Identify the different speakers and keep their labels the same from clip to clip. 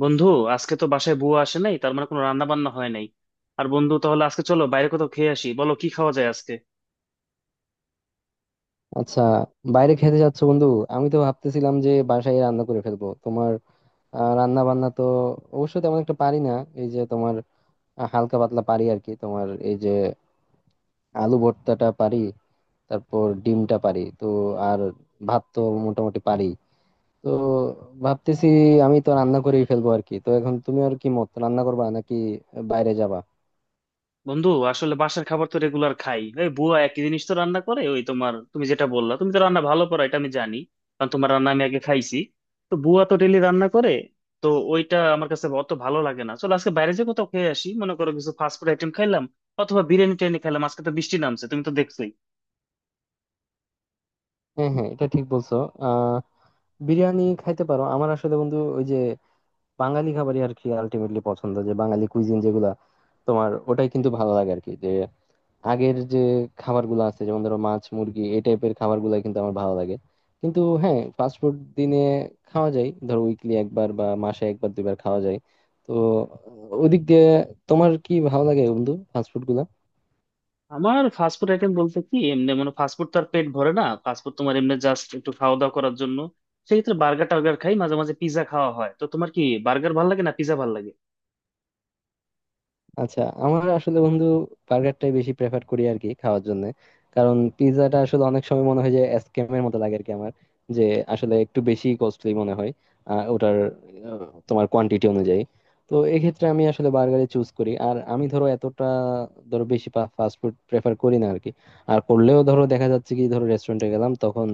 Speaker 1: বন্ধু, আজকে তো বাসায় বুয়া আসে নাই, তার মানে কোনো রান্না বান্না হয় নাই। আর বন্ধু তাহলে আজকে চলো বাইরে কোথাও খেয়ে আসি। বলো কি খাওয়া যায় আজকে।
Speaker 2: আচ্ছা, বাইরে খেতে যাচ্ছ বন্ধু? আমি তো ভাবতেছিলাম যে বাসায় রান্না করে ফেলবো তোমার। রান্না বান্না তো অবশ্য তেমন একটা পারি না। এই যে তোমার হালকা পাতলা পারি আর কি। তোমার এই যে আলু ভর্তাটা পারি, তারপর ডিমটা পারি তো, আর ভাত তো মোটামুটি পারি। তো ভাবতেছি আমি তো রান্না করেই ফেলবো আর কি। তো এখন তুমি আর কি মত রান্না করবা নাকি বাইরে যাবা?
Speaker 1: বন্ধু আসলে বাসার খাবার তো রেগুলার খাই, এই বুয়া একই জিনিস তো রান্না করে। ওই তোমার, তুমি যেটা বললা, তুমি তো রান্না ভালো করো, এটা আমি জানি, কারণ তোমার রান্না আমি আগে খাইছি। তো বুয়া তো ডেলি রান্না করে, তো ওইটা আমার কাছে অত ভালো লাগে না। চলো আজকে বাইরে যে কোথাও খেয়ে আসি, মনে করো কিছু ফাস্ট ফুড আইটেম খাইলাম অথবা বিরিয়ানি টিরিয়ানি খেলাম। আজকে তো বৃষ্টি নামছে, তুমি তো দেখছো।
Speaker 2: হ্যাঁ হ্যাঁ, এটা ঠিক বলছো। আহ বিরিয়ানি খাইতে পারো। আমার আসলে বন্ধু ওই যে বাঙালি খাবারই আর কি আলটিমেটলি পছন্দ, যে বাঙালি কুইজিন যেগুলা তোমার ওটাই কিন্তু ভালো লাগে আর কি। যে আগের যে খাবারগুলো আছে যেমন ধরো মাছ মুরগি এই টাইপের খাবারগুলো কিন্তু আমার ভালো লাগে। কিন্তু হ্যাঁ, ফাস্ট ফুড দিনে খাওয়া যায়, ধরো উইকলি একবার বা মাসে একবার দুইবার খাওয়া যায়। তো ওদিক দিয়ে তোমার কি ভালো লাগে বন্ধু ফাস্ট ফুড?
Speaker 1: আমার ফাস্টফুড আইটেম বলতে কি, এমনি মানে ফাস্টফুড তো আর পেট ভরে না, ফাস্টফুড তোমার এমনি জাস্ট একটু খাওয়া দাওয়া করার জন্য। সেক্ষেত্রে বার্গার টার্গার খাই, মাঝে মাঝে পিৎজা খাওয়া হয়। তো তোমার কি বার্গার ভাল লাগে না পিৎজা ভাল লাগে?
Speaker 2: আচ্ছা, আমার আসলে বন্ধু বার্গারটাই বেশি প্রেফার করি আর কি খাওয়ার জন্য। কারণ পিৎজাটা আসলে অনেক সময় মনে হয় যে স্ক্যামের মতো লাগে আর কি আমার। যে আসলে একটু বেশি কস্টলি মনে হয়, ওটার আহ, তোমার কোয়ান্টিটি অনুযায়ী। তো এক্ষেত্রে আমি আসলে বার্গারে চুজ করি। আর আমি ধরো এতটা ধরো বেশি ফাস্ট ফুড প্রেফার করি না আর কি। আর করলেও ধরো দেখা যাচ্ছে কি ধরো রেস্টুরেন্টে গেলাম তখন,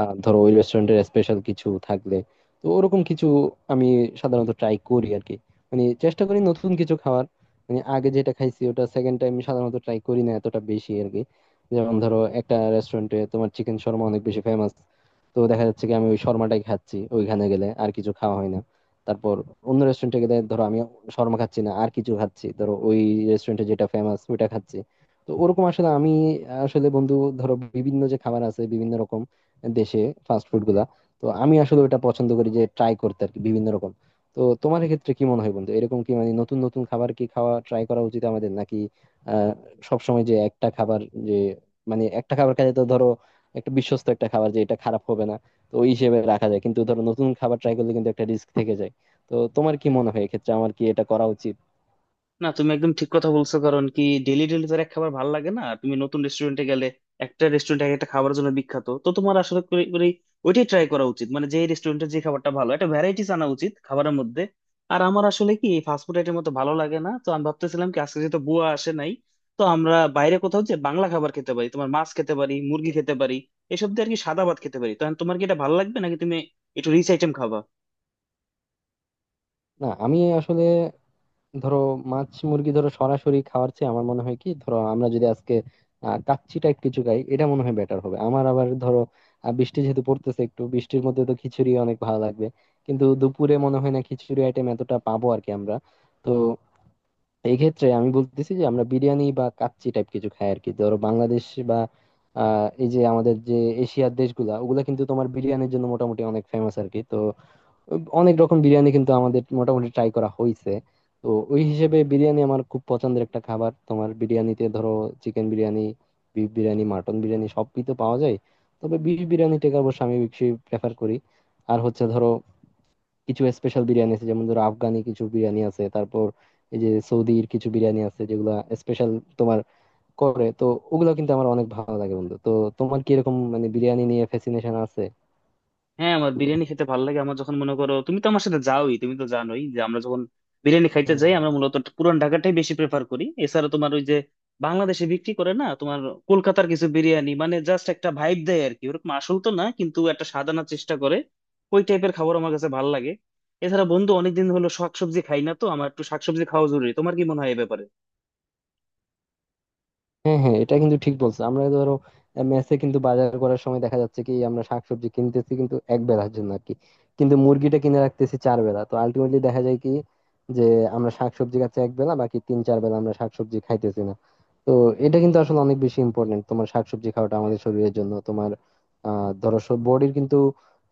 Speaker 2: ধরো ওই রেস্টুরেন্টের স্পেশাল কিছু থাকলে তো ওরকম কিছু আমি সাধারণত ট্রাই করি আর কি। মানে চেষ্টা করি নতুন কিছু খাওয়ার। মানে আগে যেটা খাইছি ওটা সেকেন্ড টাইম সাধারণত ট্রাই করি না এতটা বেশি আর কি। যেমন ধরো একটা রেস্টুরেন্টে তোমার চিকেন শর্মা অনেক বেশি ফেমাস, তো দেখা যাচ্ছে কি আমি ওই শর্মাটাই খাচ্ছি ওইখানে গেলে, আর কিছু খাওয়া হয় না। তারপর অন্য রেস্টুরেন্টে গেলে ধরো আমি শর্মা খাচ্ছি না আর কিছু খাচ্ছি, ধরো ওই রেস্টুরেন্টে যেটা ফেমাস ওইটা খাচ্ছি। তো ওরকম আসলে আমি আসলে বন্ধু ধরো বিভিন্ন যে খাবার আছে বিভিন্ন রকম দেশে ফাস্ট ফুড গুলা, তো আমি আসলে ওটা পছন্দ করি যে ট্রাই করতে আর কি বিভিন্ন রকম। তো তোমার ক্ষেত্রে কি মনে হয় বন্ধু, এরকম কি মানে নতুন নতুন খাবার কি খাওয়া ট্রাই করা উচিত আমাদের নাকি আহ সবসময় যে একটা খাবার, যে মানে একটা খাবার খেলে তো ধরো একটা বিশ্বস্ত একটা খাবার যে এটা খারাপ হবে না তো ওই হিসেবে রাখা যায়। কিন্তু ধরো নতুন খাবার ট্রাই করলে কিন্তু একটা রিস্ক থেকে যায়। তো তোমার কি মনে হয় এক্ষেত্রে আমার কি এটা করা উচিত?
Speaker 1: না, তুমি একদম ঠিক কথা বলছো, কারণ কি ডেলি ডেলি তো আর এক খাবার ভালো লাগে না। তুমি নতুন রেস্টুরেন্টে গেলে, একটা রেস্টুরেন্ট এক একটা খাবারের জন্য বিখ্যাত, তো তোমার আসলে করে করে ওইটাই ট্রাই করা উচিত, মানে যে রেস্টুরেন্টে যে খাবারটা ভালো, একটা ভ্যারাইটিস আনা উচিত খাবারের মধ্যে। আর আমার আসলে কি ফাস্টফুড আইটেম মতো ভালো লাগে না, তো আমি ভাবতেছিলাম কি আজকে যেহেতু বুয়া আসে নাই, তো আমরা বাইরে কোথাও যে বাংলা খাবার খেতে পারি। তোমার মাছ খেতে পারি, মুরগি খেতে পারি, এসব দিয়ে আর কি সাদা ভাত খেতে পারি। তো তোমার কি এটা ভালো লাগবে, নাকি তুমি একটু রিচ আইটেম খাবা?
Speaker 2: না আমি আসলে ধরো মাছ মুরগি ধরো সরাসরি খাওয়ার চেয়ে আমার মনে হয় কি ধরো আমরা যদি আজকে কাচ্চি টাইপ কিছু খাই এটা মনে হয় বেটার হবে আমার। আবার ধরো বৃষ্টি যেহেতু পড়তেছে একটু বৃষ্টির মধ্যে তো খিচুড়ি অনেক ভালো লাগবে। কিন্তু দুপুরে মনে হয় না খিচুড়ি আইটেম এতটা পাবো আর কি আমরা। তো এই ক্ষেত্রে আমি বলতেছি যে আমরা বিরিয়ানি বা কাচ্চি টাইপ কিছু খাই আর কি। ধরো বাংলাদেশ বা এই যে আমাদের যে এশিয়ার দেশগুলা ওগুলা কিন্তু তোমার বিরিয়ানির জন্য মোটামুটি অনেক ফেমাস আর কি। তো অনেক রকম বিরিয়ানি কিন্তু আমাদের মোটামুটি ট্রাই করা হয়েছে। তো ওই হিসেবে বিরিয়ানি আমার খুব পছন্দের একটা খাবার। তোমার বিরিয়ানিতে ধরো chicken biryani, beef biryani, mutton biryani সবই তো পাওয়া যায়। তবে বিফ বিরিয়ানিটাকে অবশ্য আমি বেশি প্রেফার করি। আর হচ্ছে ধরো কিছু স্পেশাল বিরিয়ানি আছে, যেমন ধরো আফগানি কিছু বিরিয়ানি আছে, তারপর এই যে সৌদির কিছু বিরিয়ানি আছে যেগুলা স্পেশাল তোমার করে, তো ওগুলো কিন্তু আমার অনেক ভালো লাগে বন্ধু। তো তোমার কি এরকম মানে বিরিয়ানি নিয়ে ফ্যাসিনেশন আছে?
Speaker 1: হ্যাঁ, আমার বিরিয়ানি খেতে ভালো লাগে। আমার যখন, মনে করো তুমি তো আমার সাথে যাওই, তুমি তো জানোই যে আমরা যখন বিরিয়ানি খাইতে
Speaker 2: হুম।
Speaker 1: যাই, আমরা মূলত পুরান ঢাকাটাই বেশি প্রেফার করি। এছাড়া তোমার ওই যে বাংলাদেশে বিক্রি করে না, তোমার কলকাতার কিছু বিরিয়ানি, মানে জাস্ট একটা ভাইব দেয় আর কি, ওরকম আসল তো না, কিন্তু একটা স্বাদ আনার চেষ্টা করে। ওই টাইপের খাবার আমার কাছে ভালো লাগে। এছাড়া বন্ধু, অনেকদিন হলো শাকসবজি খাই না, তো আমার একটু শাকসবজি খাওয়া জরুরি। তোমার কি মনে হয় এ ব্যাপারে?
Speaker 2: হ্যাঁ হ্যাঁ, এটা কিন্তু ঠিক বলছো। আমরা ধরো মেসে কিন্তু বাজার করার সময় দেখা যাচ্ছে কি আমরা শাকসবজি কিনতেছি কিন্তু এক বেলার জন্য আর কি। কিন্তু মুরগিটা কিনে রাখতেছি 4 বেলা, তো আলটিমেটলি দেখা যায় কি যে আমরা শাকসবজি খাচ্ছি এক বেলা, বাকি 3-4 বেলা আমরা শাকসবজি খাইতেছি না। তো এটা কিন্তু আসলে অনেক বেশি ইম্পর্টেন্ট তোমার শাকসবজি খাওয়াটা আমাদের শরীরের জন্য। তোমার ধরো বডির কিন্তু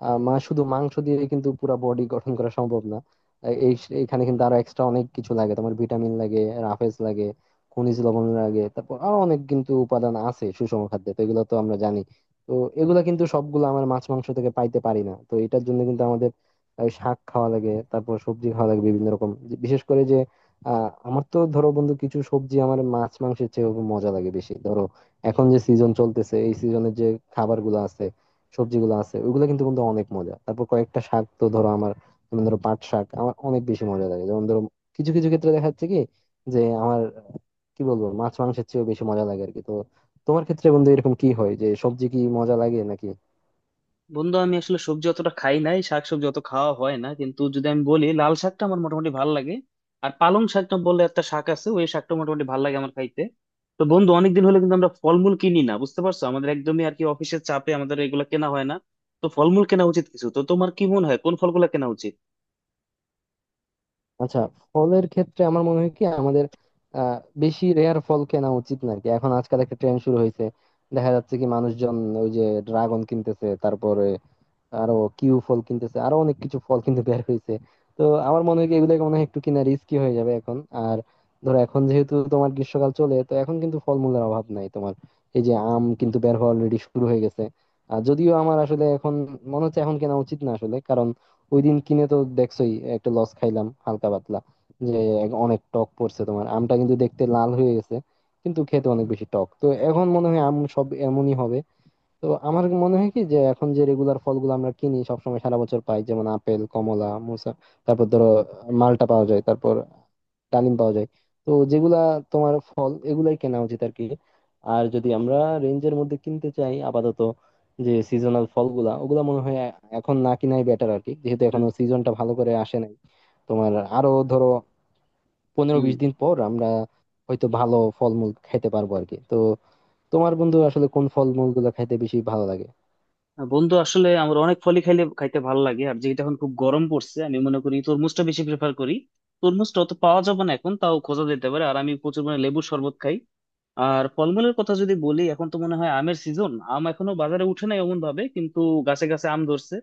Speaker 2: আহ মা শুধু মাংস দিয়ে কিন্তু পুরো বডি গঠন করা সম্ভব না। আহ, এই এখানে কিন্তু আরো এক্সট্রা অনেক কিছু লাগে, তোমার ভিটামিন লাগে, রাফেজ লাগে, খনিজ লবণের আগে, তারপর আরো অনেক কিন্তু উপাদান আছে সুষম খাদ্যে, তো এগুলো তো আমরা জানি। তো এগুলা কিন্তু সবগুলো আমরা মাছ মাংস থেকে পাইতে পারি না, তো এটার জন্য কিন্তু আমাদের এই শাক খাওয়া লাগে, তারপর সবজি খাওয়া লাগে বিভিন্ন রকম। বিশেষ করে যে আমার তো ধরো বন্ধু কিছু সবজি আমার মাছ মাংসের চেয়ে মজা লাগে বেশি। ধরো এখন যে সিজন চলতেছে এই সিজনের যে খাবার গুলো আছে সবজিগুলো আছে ওইগুলো কিন্তু কিন্তু অনেক মজা। তারপর কয়েকটা শাক তো ধরো আমার, যেমন ধরো পাট শাক আমার অনেক বেশি মজা লাগে। যেমন ধরো কিছু কিছু ক্ষেত্রে দেখা যাচ্ছে কি যে আমার কি বলবো মাছ মাংসের চেয়েও বেশি মজা লাগে আর কি। তো তোমার ক্ষেত্রে বন্ধু এরকম কি হয় যে সবজি কি মজা লাগে নাকি?
Speaker 1: বন্ধু আমি আসলে সবজি অতটা খাই নাই, শাকসবজি অত খাওয়া হয় না, কিন্তু যদি আমি বলি লাল শাকটা আমার মোটামুটি ভালো লাগে, আর পালং শাকটা বলে একটা শাক আছে, ওই শাকটা মোটামুটি ভালো লাগে আমার খাইতে। তো বন্ধু, অনেকদিন হলো কিন্তু আমরা ফলমূল কিনি না, বুঝতে পারছো, আমাদের একদমই আর কি অফিসের চাপে আমাদের এগুলো কেনা হয় না। তো ফলমূল কেনা উচিত কিছু। তো তোমার কি মনে হয় কোন ফলগুলো কেনা উচিত?
Speaker 2: আচ্ছা, ফলের ক্ষেত্রে আমার মনে হয় কি আমাদের আহ বেশি রেয়ার ফল কেনা উচিত না আর কি। এখন আজকাল একটা ট্রেন্ড শুরু হয়েছে, দেখা যাচ্ছে কি মানুষজন ওই যে ড্রাগন কিনতেছে, তারপরে আরো কিউ ফল কিনতেছে, আরো অনেক কিছু ফল কিন্তু বের হয়েছে। তো আমার মনে হয় কি এগুলো মনে হয় একটু কিনা রিস্কি হয়ে যাবে এখন। আর ধরো এখন যেহেতু তোমার গ্রীষ্মকাল চলে, তো এখন কিন্তু ফলমূলের অভাব নাই তোমার। এই যে আম কিন্তু বের হওয়া অলরেডি শুরু হয়ে গেছে। আর যদিও আমার আসলে এখন মনে হচ্ছে এখন কেনা উচিত না আসলে, কারণ ওই দিন কিনে তো দেখছোই একটা লস খাইলাম হালকা পাতলা। যে অনেক টক পড়ছে তোমার, আমটা কিন্তু দেখতে লাল হয়ে গেছে কিন্তু খেতে অনেক বেশি টক। তো এখন মনে হয় আম সব এমনই হবে। তো আমার মনে হয় কি যে এখন যে রেগুলার ফলগুলো আমরা কিনি সবসময় সারা বছর পাই, যেমন আপেল কমলা মুসা, তারপর ধরো মালটা পাওয়া যায়, তারপর ডালিম পাওয়া যায়। তো যেগুলা তোমার ফল এগুলাই কেনা উচিত আর কি। আর যদি আমরা রেঞ্জের মধ্যে কিনতে চাই আপাতত, যে সিজনাল ফলগুলা ওগুলা মনে হয় এখন না কিনাই বেটার আর কি, যেহেতু
Speaker 1: হুম,
Speaker 2: এখনো সিজনটা ভালো করে আসে নাই। তোমার আরো ধরো পনেরো
Speaker 1: হুম,
Speaker 2: বিশ দিন পর আমরা হয়তো ভালো ফলমূল খাইতে পারবো আর কি। তো তোমার বন্ধু আসলে কোন ফলমূল গুলো খাইতে বেশি ভালো লাগে?
Speaker 1: বন্ধু আসলে আমার অনেক ফলই খাইলে খাইতে ভালো লাগে। আর যেহেতু এখন খুব গরম পড়ছে, আমি মনে করি তরমুজটা বেশি প্রেফার করি। তরমুজটা অত পাওয়া যাবে না এখন, তাও খোঁজা যেতে পারে। আর আমি প্রচুর মানে লেবুর শরবত খাই। আর ফলমূলের কথা যদি বলি, এখন তো মনে হয় আমের সিজন, আম এখনো বাজারে উঠে নাই এমন ভাবে, কিন্তু গাছে গাছে আম ধরছে।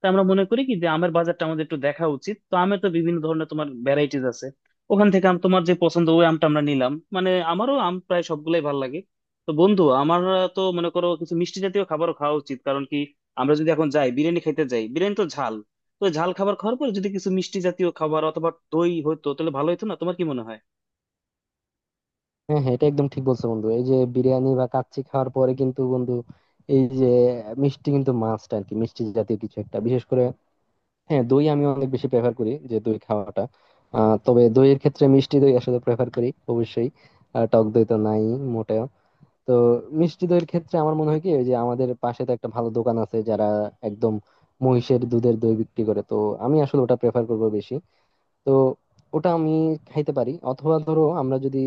Speaker 1: তাই আমরা মনে করি কি যে আমের বাজারটা আমাদের একটু দেখা উচিত। তো আমের তো বিভিন্ন ধরনের তোমার ভ্যারাইটিস আছে, ওখান থেকে আম তোমার যে পছন্দ ওই আমটা আমরা নিলাম, মানে আমারও আম প্রায় সবগুলাই ভালো লাগে। তো বন্ধু আমার তো মনে করো কিছু মিষ্টি জাতীয় খাবারও খাওয়া উচিত, কারণ কি আমরা যদি এখন যাই বিরিয়ানি খাইতে যাই, বিরিয়ানি তো ঝাল, তো ঝাল খাবার খাওয়ার পর যদি কিছু মিষ্টি জাতীয় খাবার অথবা দই হতো তাহলে ভালো হতো না? তোমার কি মনে হয়?
Speaker 2: হ্যাঁ হ্যাঁ, এটা একদম ঠিক বলছো বন্ধু। এই যে বিরিয়ানি বা কাচ্চি খাওয়ার পরে কিন্তু বন্ধু এই যে মিষ্টি কিন্তু মাস্ট আর কি, মিষ্টি জাতীয় কিছু একটা বিশেষ করে। হ্যাঁ, দই আমি অনেক বেশি প্রেফার করি যে দই খাওয়াটা। তবে দইয়ের ক্ষেত্রে মিষ্টি দই আসলে প্রেফার করি অবশ্যই। টক দই তো নাই মোটেও। তো মিষ্টি দইয়ের ক্ষেত্রে আমার মনে হয় কি, ওই যে আমাদের পাশে তো একটা ভালো দোকান আছে যারা একদম মহিষের দুধের দই বিক্রি করে, তো আমি আসলে ওটা প্রেফার করবো বেশি। তো ওটা আমি খাইতে পারি, অথবা ধরো আমরা যদি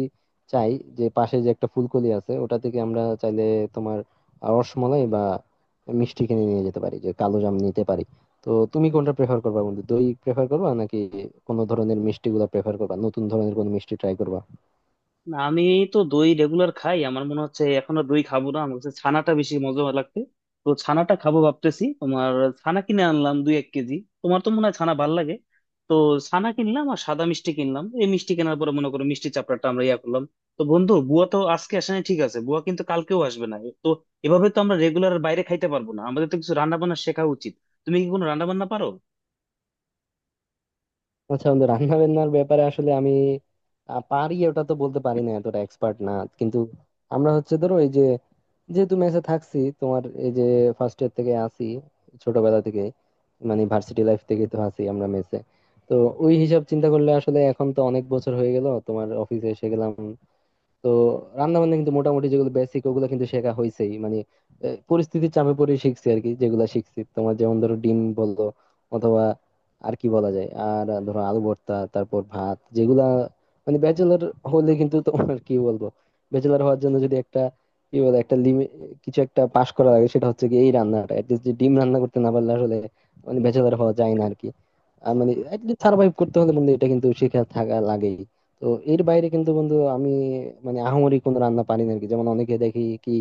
Speaker 2: চাই, যে পাশে যে একটা ফুলকলি আছে ওটা থেকে আমরা চাইলে তোমার রসমলাই বা মিষ্টি কিনে নিয়ে যেতে পারি, যে কালো জাম নিতে পারি। তো তুমি কোনটা প্রেফার করবা বন্ধু, দই প্রেফার করবা নাকি কোনো ধরনের মিষ্টি গুলা প্রেফার করবা, নতুন ধরনের কোনো মিষ্টি ট্রাই করবা?
Speaker 1: না, আমি তো দই রেগুলার খাই, আমার মনে হচ্ছে এখন আর দই খাবো না, আমার কাছে ছানাটা বেশি মজা লাগবে। তো ছানাটা খাবো ভাবতেছি। তোমার ছানা কিনে আনলাম দুই এক কেজি, তোমার তো মনে হয় ছানা ভাল লাগে। তো ছানা কিনলাম, আর সাদা মিষ্টি কিনলাম। এই মিষ্টি কেনার পরে মনে করো মিষ্টি চাপড়াটা আমরা ইয়া করলাম। তো বন্ধু, বুয়া তো আজকে আসে নাই ঠিক আছে, বুয়া কিন্তু কালকেও আসবে না। তো এভাবে তো আমরা রেগুলার বাইরে খাইতে পারবো না, আমাদের তো কিছু রান্না বান্না শেখা উচিত। তুমি কি কোনো রান্না বান্না পারো?
Speaker 2: আচ্ছা বন্ধু, রান্না বান্নার ব্যাপারে আসলে আমি পারি ওটা তো বলতে পারি না, এতটা এক্সপার্ট না। কিন্তু আমরা হচ্ছে ধরো এই যে যেহেতু মেসে থাকছি, তোমার এই যে ফার্স্ট ইয়ার থেকে আসি, ছোটবেলা থেকে, মানে ভার্সিটি লাইফ থেকে তো আছি আমরা মেসে। তো ওই হিসাব চিন্তা করলে আসলে এখন তো অনেক বছর হয়ে গেল, তোমার অফিসে এসে গেলাম। তো রান্না বান্না কিন্তু মোটামুটি যেগুলো বেসিক ওগুলো কিন্তু শেখা হয়েছেই, মানে পরিস্থিতির চাপে পড়ে শিখছি আর কি। যেগুলো শিখছি তোমার যেমন ধরো ডিম বললো অথবা আর কি বলা যায়, আর ধরো আলু ভর্তা তারপর ভাত যেগুলা, মানে ব্যাচেলর হলে কিন্তু তোমার কি বলবো, ব্যাচেলর হওয়ার জন্য যদি একটা কি বলে একটা লিমিট কিছু একটা পাস করা লাগে, সেটা হচ্ছে কি এই রান্নাটা অ্যাটলিস্ট, যে ডিম রান্না করতে না পারলে আসলে মানে ব্যাচেলর হওয়া যায় না আর কি। আর মানে সার্ভাইভ করতে হলে বন্ধু এটা কিন্তু শিখে থাকা লাগে। তো এর বাইরে কিন্তু বন্ধু আমি মানে আহামরি কোনো রান্না পারি না আরকি। যেমন অনেকে দেখি কি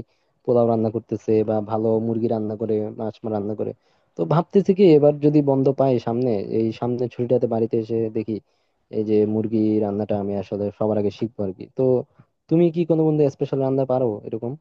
Speaker 2: পোলাও রান্না করতেছে বা ভালো মুরগি রান্না করে মাছ রান্না করে। তো ভাবতেছি কি এবার যদি বন্ধ পাই সামনে, এই সামনে ছুটিটাতে বাড়িতে এসে দেখি এই যে মুরগি রান্নাটা আমি আসলে সবার আগে শিখবো আরকি। তো তুমি কি কোনো বন্ধু স্পেশাল রান্না পারো এরকম?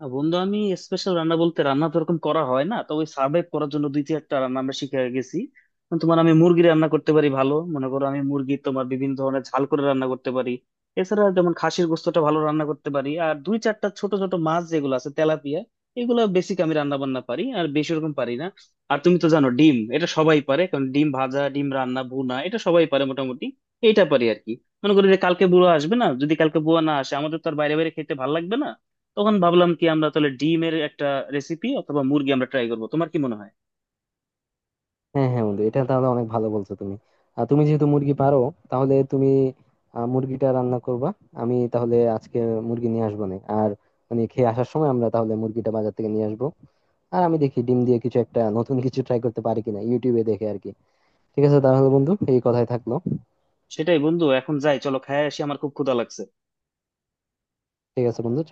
Speaker 1: না, বন্ধু আমি স্পেশাল রান্না বলতে রান্না তো এরকম করা হয় না, তবে সার্ভাইভ করার জন্য দুই একটা রান্না আমরা শিখে গেছি। যেমন তোমার আমি মুরগি রান্না করতে পারি ভালো, মনে করো আমি মুরগি তোমার বিভিন্ন ধরনের ঝাল করে রান্না করতে পারি। এছাড়া যেমন খাসির গোস্তটা ভালো রান্না করতে পারি, আর দুই চারটা ছোট ছোট মাছ যেগুলো আছে তেলাপিয়া, এগুলো বেসিক আমি রান্না বান্না পারি। আর বেশি ওরকম পারি না। আর তুমি তো জানো ডিম, এটা সবাই পারে, কারণ ডিম ভাজা, ডিম রান্না, ভুনা, এটা সবাই পারে মোটামুটি। এইটা পারি আর কি। মনে করি যে কালকে বুয়া আসবে না, যদি কালকে বুয়া না আসে, আমাদের তো আর বাইরে বাইরে খেতে ভালো লাগবে না। তখন ভাবলাম কি আমরা তাহলে ডিমের একটা রেসিপি অথবা মুরগি আমরা ট্রাই করবো। তোমার কি মনে হয়?
Speaker 2: হ্যাঁ হ্যাঁ বন্ধু, এটা তাহলে অনেক ভালো বলছো তুমি। আর তুমি যেহেতু মুরগি পারো তাহলে তুমি মুরগিটা রান্না করবা। আমি তাহলে আজকে মুরগি নিয়ে আসবো না। আর মানে খেয়ে আসার সময় আমরা তাহলে মুরগিটা বাজার থেকে নিয়ে আসবো। আর আমি দেখি ডিম দিয়ে কিছু একটা নতুন কিছু ট্রাই করতে পারি কিনা ইউটিউবে দেখে আর কি। ঠিক আছে তাহলে বন্ধু, এই কথাই থাকলো।
Speaker 1: সেটাই বন্ধু, এখন যাই, চলো খেয়ে আসি, আমার খুব ক্ষুধা লাগছে।
Speaker 2: ঠিক আছে বন্ধু।